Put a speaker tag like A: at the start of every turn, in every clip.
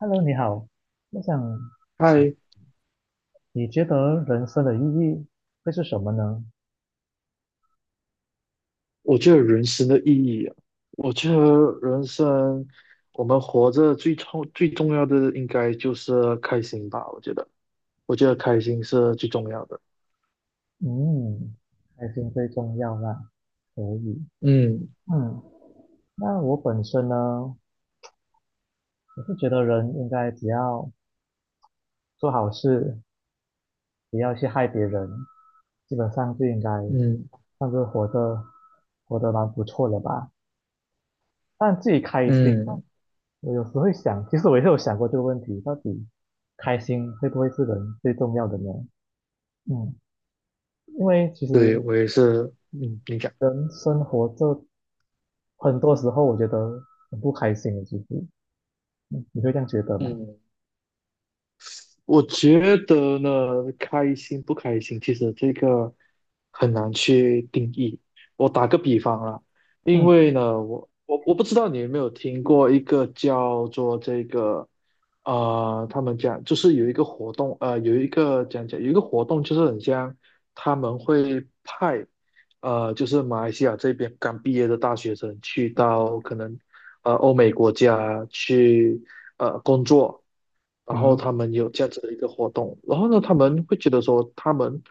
A: Hello，你好，我想请，
B: 嗨，
A: 你觉得人生的意义会是什么呢？
B: 我觉得人生的意义啊，我觉得人生我们活着最重要的应该就是开心吧。我觉得开心是最重要的。
A: 嗯，开心最重要啦，可以。
B: 嗯
A: 嗯，那我本身呢，我是觉得人应该只要做好事，不要去害别人，基本上就应该
B: 嗯
A: 算是活得蛮不错了吧。但自己开心，
B: 嗯，
A: 我有时会想，其实我也是有想过这个问题，到底开心会不会是人最重要的呢？嗯，因为其
B: 对，
A: 实
B: 我也是，嗯，你讲。
A: 生活这很多时候我觉得很不开心的，其实你会这样觉得吗？
B: 我觉得呢，开心不开心，其实这个很难去定义。我打个比方啊，因
A: 嗯
B: 为呢，我不知道你有没有听过一个叫做这个，他们讲就是有一个活动，就是很像他们会派，就是马来西亚这边刚毕业的大学生去到可能欧美国家去工作。然后他
A: 嗯
B: 们有这样子的一个活动，然后呢，他们会觉得说，他们，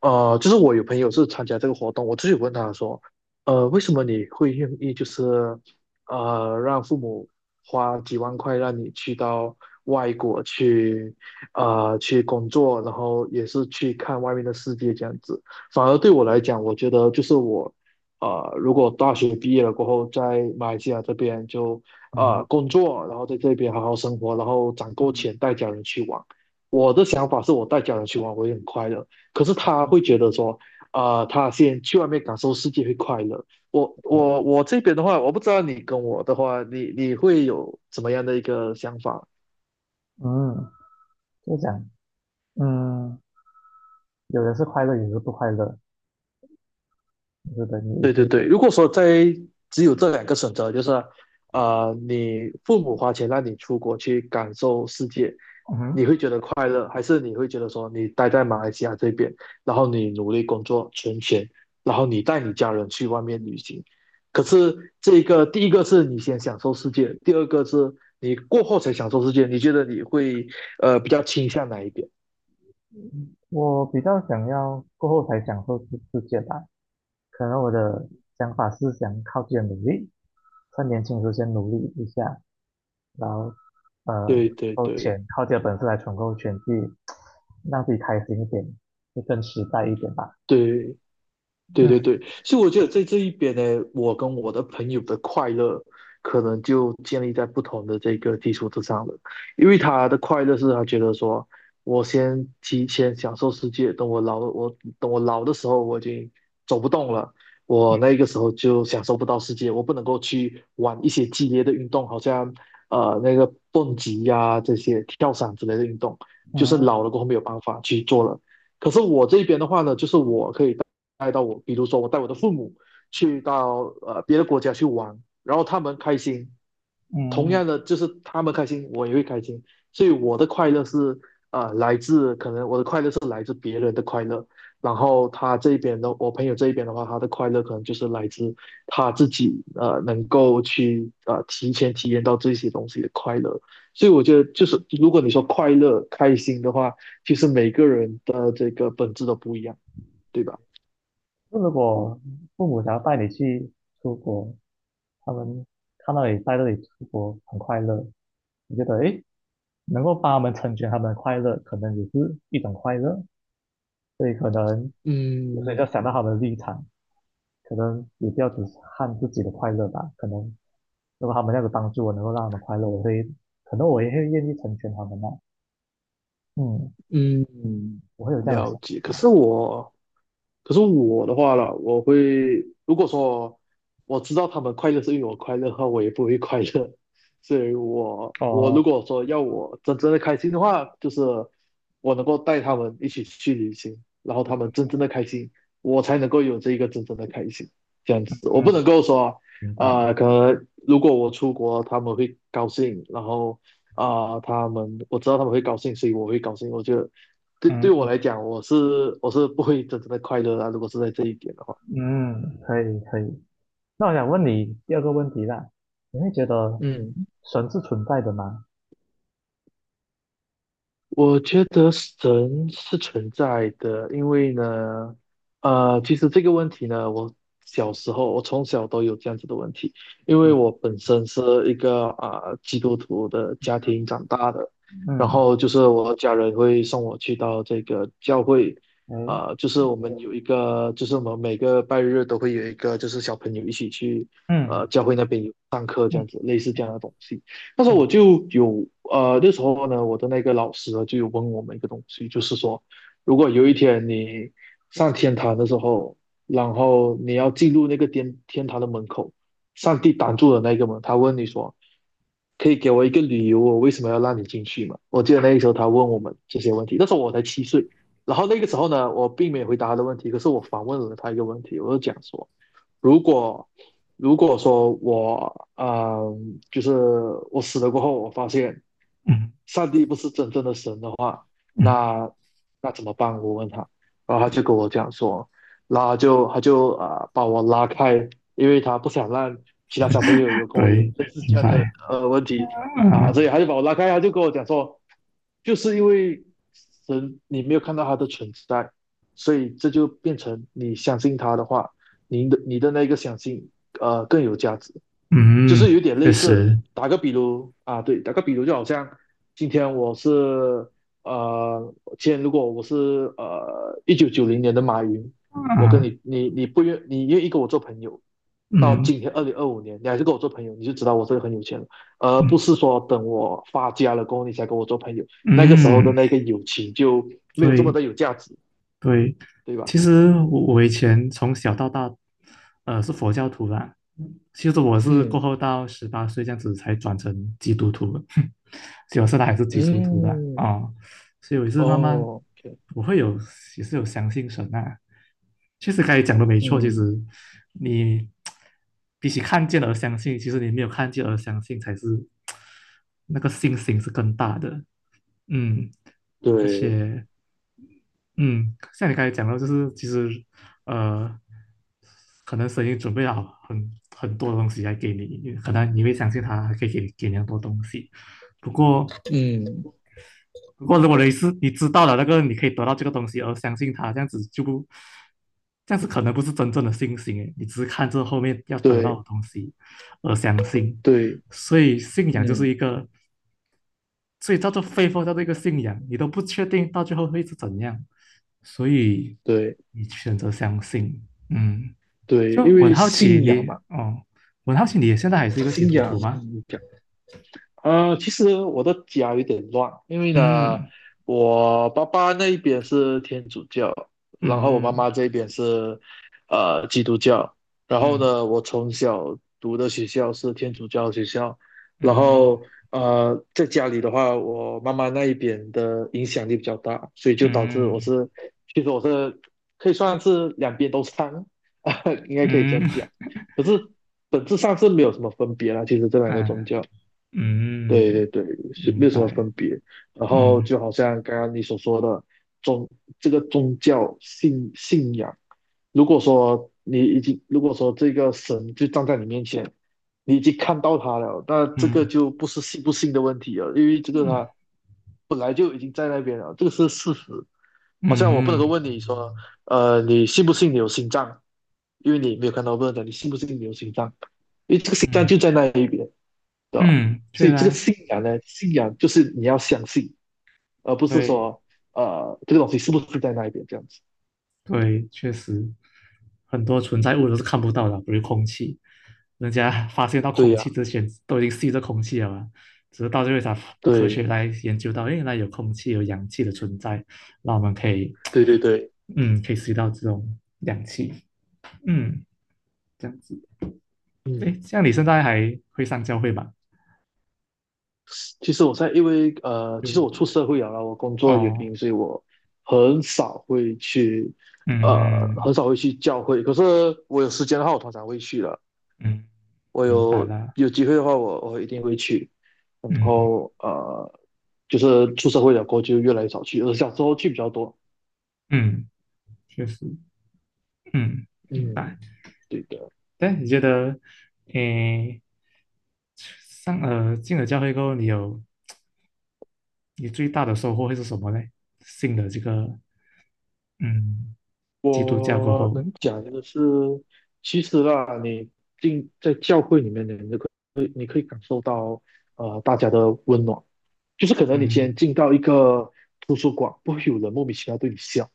B: 呃，就是我有朋友是参加这个活动。我自己问他说，为什么你会愿意，就是，让父母花几万块让你去到外国去，去工作，然后也是去看外面的世界这样子。反而对我来讲，我觉得就是我。如果大学毕业了过后，在马来西亚这边就
A: 嗯
B: 工作，然后在这边好好生活，然后攒够
A: 嗯
B: 钱带家人去玩。我的想法是我带家人去玩，我也很快乐。可是他
A: 嗯
B: 会觉得说，他先去外面感受世界会快乐。我这边的话，我不知道你跟我的话，你会有怎么样的一个想法？
A: 嗯，就讲，嗯，有的是快乐，有的是不快乐，我觉得你一
B: 对对
A: 直
B: 对，如果说在只有这两个选择，就是你父母花钱让你出国去感受世界，
A: 嗯
B: 你会
A: 哼
B: 觉得快乐，还是你会觉得说你待在马来西亚这边，然后你努力工作存钱，然后你带你家人去外面旅行？可是这个第一个是你先享受世界，第二个是你过后才享受世界，你觉得你会比较倾向哪一边？
A: 我比较想要过后才享受世界吧，可能我的想法是想靠自己的努力，在年轻时候先努力一下，然后呃，
B: 对对
A: 够
B: 对
A: 钱，靠自己的本事来存够钱，去让自己开心一点，就更实在一点吧。
B: 对。对对
A: 嗯
B: 对，所以我觉得在这一边呢，我跟我的朋友的快乐可能就建立在不同的这个基础之上了。因为他的快乐是他觉得说，我先提前享受世界，等我老的时候我已经走不动了，我那个时候就享受不到世界，我不能够去玩一些激烈的运动，好像那个蹦极呀、这些跳伞之类的运动，就是
A: 嗯
B: 老了过后没有办法去做了。可是我这边的话呢，就是我可以带到我。比如说我带我的父母去到别的国家去玩，然后他们开心。同
A: 嗯
B: 样的就是他们开心，我也会开心。所以我的快乐是呃来自可能我的快乐是来自别人的快乐。然后他这边的我朋友这一边的话，他的快乐可能就是来自他自己能够去提前体验到这些东西的快乐。所以我觉得就是如果你说快乐开心的话，其实每个人的这个本质都不一样，对吧？
A: 就如果父母想要带你去出国，他们看到你在这里出国很快乐，你觉得诶，能够帮他们成全他们的快乐，可能也是一种快乐，所以可能有时候要
B: 嗯
A: 想到他们的立场，可能也不要只看自己的快乐吧。可能如果他们那有帮助我，能够让他们快乐，我会，可能我也会愿意成全他们的。啊嗯，
B: 嗯，
A: 我会有这样的
B: 了
A: 想
B: 解。
A: 法。
B: 可是我的话了，我会，如果说我知道他们快乐是因为我快乐的话，我也不会快乐。所以我如
A: 哦，
B: 果说要我真正的开心的话，就是我能够带他们一起去旅行，然后他们真正的开心，我才能够有这一个真正的开心。这样子。我不
A: 嗯，
B: 能够说，
A: 明白。
B: 可能如果我出国，他们会高兴，然后我知道他们会高兴，所以我会高兴，我觉得。对对，我
A: 嗯
B: 来讲，我是不会真正的快乐啊，如果是在这一点的话。
A: 嗯，可以可以。那我想问你第二个问题啦，你会觉得
B: 嗯，
A: 神是存在的吗？
B: 我觉得神是存在的。因为呢，其实这个问题呢，我从小都有这样子的问题，因为
A: 嗯
B: 我本身是一个基督徒的家
A: 嗯，
B: 庭长大的。然
A: 嗯
B: 后就是我家人会送我去到这个教会。
A: 嗯
B: 就是我们有一个，就是我们每个拜日都会有一个，就是小朋友一起去，
A: 嗯
B: 教会那边有上课这样子，类似这样的东西。那时候
A: 嗯
B: 我就有呃，那时候呢，我的那个老师呢就有问我们一个东西，就是说，如果有一天你上天堂的时候，然后你要进入那个天堂的门口，上帝挡住了那个门，他问你说，可以给我一个理由，我为什么要让你进去吗？我记得那个时候他问我们这些问题，那时候我才7岁。然后那个时候呢，我并没有回答他的问题，可是我反问了他一个问题，我就讲说，如果，如果说我呃，就是我死了过后，我发现
A: 嗯
B: 上帝不是真正的神的话，
A: 嗯，
B: 那那怎么办？我问他。然后他
A: 嗯
B: 就跟我讲说，然后他就把我拉开，因为他不想让其他小朋友有跟我有
A: 对，
B: 类似
A: 存
B: 这样的
A: 在
B: 问题啊。
A: 啊，
B: 所以他就把我拉开，他就跟我讲说，就是因为神你没有看到他的存在，所以这就变成你相信他的话。你的那个相信更有价值。就
A: 嗯，
B: 是有点
A: 确
B: 类似，
A: 实
B: 打个比如啊，对，打个比如就好像今天我是今天如果我是1990年的马云，我跟
A: 啊，
B: 你你你不愿你愿意跟我做朋友，到
A: 嗯
B: 今天2025年你还是跟我做朋友，你就知道我这个很有钱了，而不
A: 嗯
B: 是说等我发家了过后你才跟我做朋友，那个时候的
A: 嗯，
B: 那个友情就没有这么
A: 对
B: 的有价值，
A: 对，
B: 对吧？
A: 其实我以前从小到大，是佛教徒啦。其实我是
B: 嗯
A: 过后到18岁这样子才转成基督徒的，所以我现在还是基督徒的
B: 嗯，
A: 啊、所以我也是慢慢，
B: 哦，OK。
A: 我会有也是有相信神啊。确实，刚才讲的没错，其实
B: 嗯，
A: 你比起看见而相信，其实你没有看见而相信才是那个信心是更大的。嗯，而
B: 对。
A: 且嗯，像你刚才讲到，就是其实，呃，可能神已经准备好很多东西来给你，可能你会相信他还可以给你很多东西。不过，
B: 嗯，
A: 如果你是你知道了那个你可以得到这个东西而相信他，这样子可能不是真正的信心诶，你只是看这后面要得到
B: 对，
A: 的东西而相信。
B: 对。
A: 所以，信仰就是
B: 嗯，
A: 一个所以叫做非佛教的一个信仰，你都不确定到最后会是怎样，所以
B: 对，
A: 你选择相信。嗯，
B: 对。因
A: 我很
B: 为
A: 好奇
B: 信仰
A: 你
B: 嘛，
A: 哦，我很好奇你现在还是一个基
B: 信
A: 督
B: 仰。
A: 徒吗？
B: 其实我的家有点乱，因为呢，
A: 嗯
B: 我爸爸那一边是天主教，然后我妈
A: 嗯
B: 妈这边是基督教，然后
A: 嗯
B: 呢，我从小读的学校是天主教学校。然
A: 嗯
B: 后在家里的话，我妈妈那一边的影响力比较大，所以就导致我
A: 嗯
B: 是，其实我是可以算是两边都掺，应该可以这
A: 嗯
B: 样讲。
A: 嗯
B: 可是本质上是没有什么分别啦，其实这两个宗
A: 啊
B: 教。对
A: 嗯，
B: 对对，是没
A: 明
B: 有什么
A: 白。
B: 分别。然后
A: 嗯
B: 就好像刚刚你所说的宗，这个宗教信仰，如果说这个神就站在你面前，你已经看到他了，那这个
A: 嗯
B: 就不是信不信的问题了，因为这个
A: 嗯
B: 他本来就已经在那边了，这个是事实。好像我不能
A: 嗯
B: 够
A: 嗯
B: 问你说，你信不信你有心脏？因为你没有看到，我不能讲你信不信你有心脏，因为这个心脏
A: 嗯，
B: 就在那一边，对吧？
A: 嗯，对
B: 所以这个
A: 啊，
B: 信仰呢，信仰就是你要相信，而不是
A: 对
B: 说这个东西是不是在那一边这样子。
A: 对，确实，很多存在物都是看不到的，比如空气，人家发现到
B: 对
A: 空
B: 呀、
A: 气之前都已经吸着空气了嘛，只是到最后才科学
B: 对
A: 来研究到，原来有空气、有氧气的存在，那我们可以，
B: 对对对。
A: 嗯，可以吸到这种氧气，嗯，这样子。
B: 嗯，
A: 诶，像你现在还会上教会吧？
B: 其实我在因为呃，其
A: 就
B: 实我出社会了啦，我工作的原
A: 哦，
B: 因，所以我很少会去
A: 嗯嗯，
B: 很少会去教会。可是我有时间的话，我通常会去的。
A: 嗯
B: 我
A: 明白
B: 有
A: 啦，
B: 有机会的话我一定会去。然
A: 嗯
B: 后就是出社会了过后就越来越少去，而小时候去比较多。
A: 嗯，确实，嗯，明
B: 嗯，
A: 白。
B: 对的。
A: 但你觉得，诶，进了教会过后，你最大的收获会是什么呢？信了这个嗯基督教过
B: 我
A: 后，
B: 能讲的是，其实啊，你进在教会里面，你可以感受到大家的温暖。就是可能你今
A: 嗯
B: 天进到一个图书馆，不会有人莫名其妙对你笑，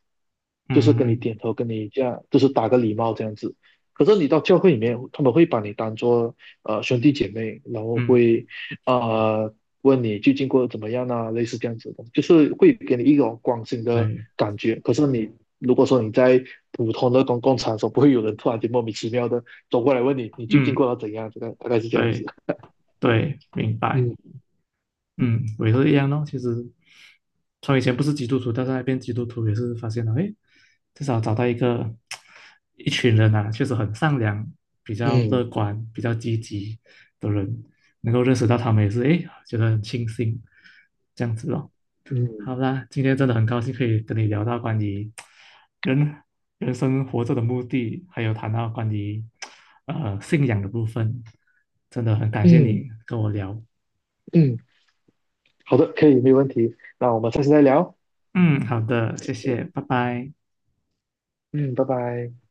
B: 就是跟你
A: 嗯
B: 点头，跟你这样，就是打个礼貌这样子。可是你到教会里面，他们会把你当做兄弟姐妹，然后
A: 嗯，
B: 会呃问你最近过得怎么样啊，类似这样子的，就是会给你一种关心的
A: 对，
B: 感觉。可是你，如果说你在普通的公共场所，不会有人突然间莫名其妙的走过来问你，你最近
A: 嗯
B: 过得怎样？这个大概是这样子。
A: 对对，明白，
B: 嗯
A: 嗯，我也是一样咯。其实从以前不是基督徒，到现在变基督徒，也是发现了，诶，至少找到一个 一群人啊，确实很善良、比较乐
B: 嗯
A: 观、比较积极的人，能够认识到他们也是，诶，觉得很庆幸，这样子咯。
B: 嗯
A: 好啦，今天真的很高兴可以跟你聊到关于人人生活着的目的，还有谈到关于信仰的部分，真的很感谢
B: 嗯
A: 你跟我聊。
B: 嗯。嗯，好的，可以，没有问题。那我们下次再聊。
A: 嗯，好的，谢谢，拜拜。
B: 嗯，拜拜。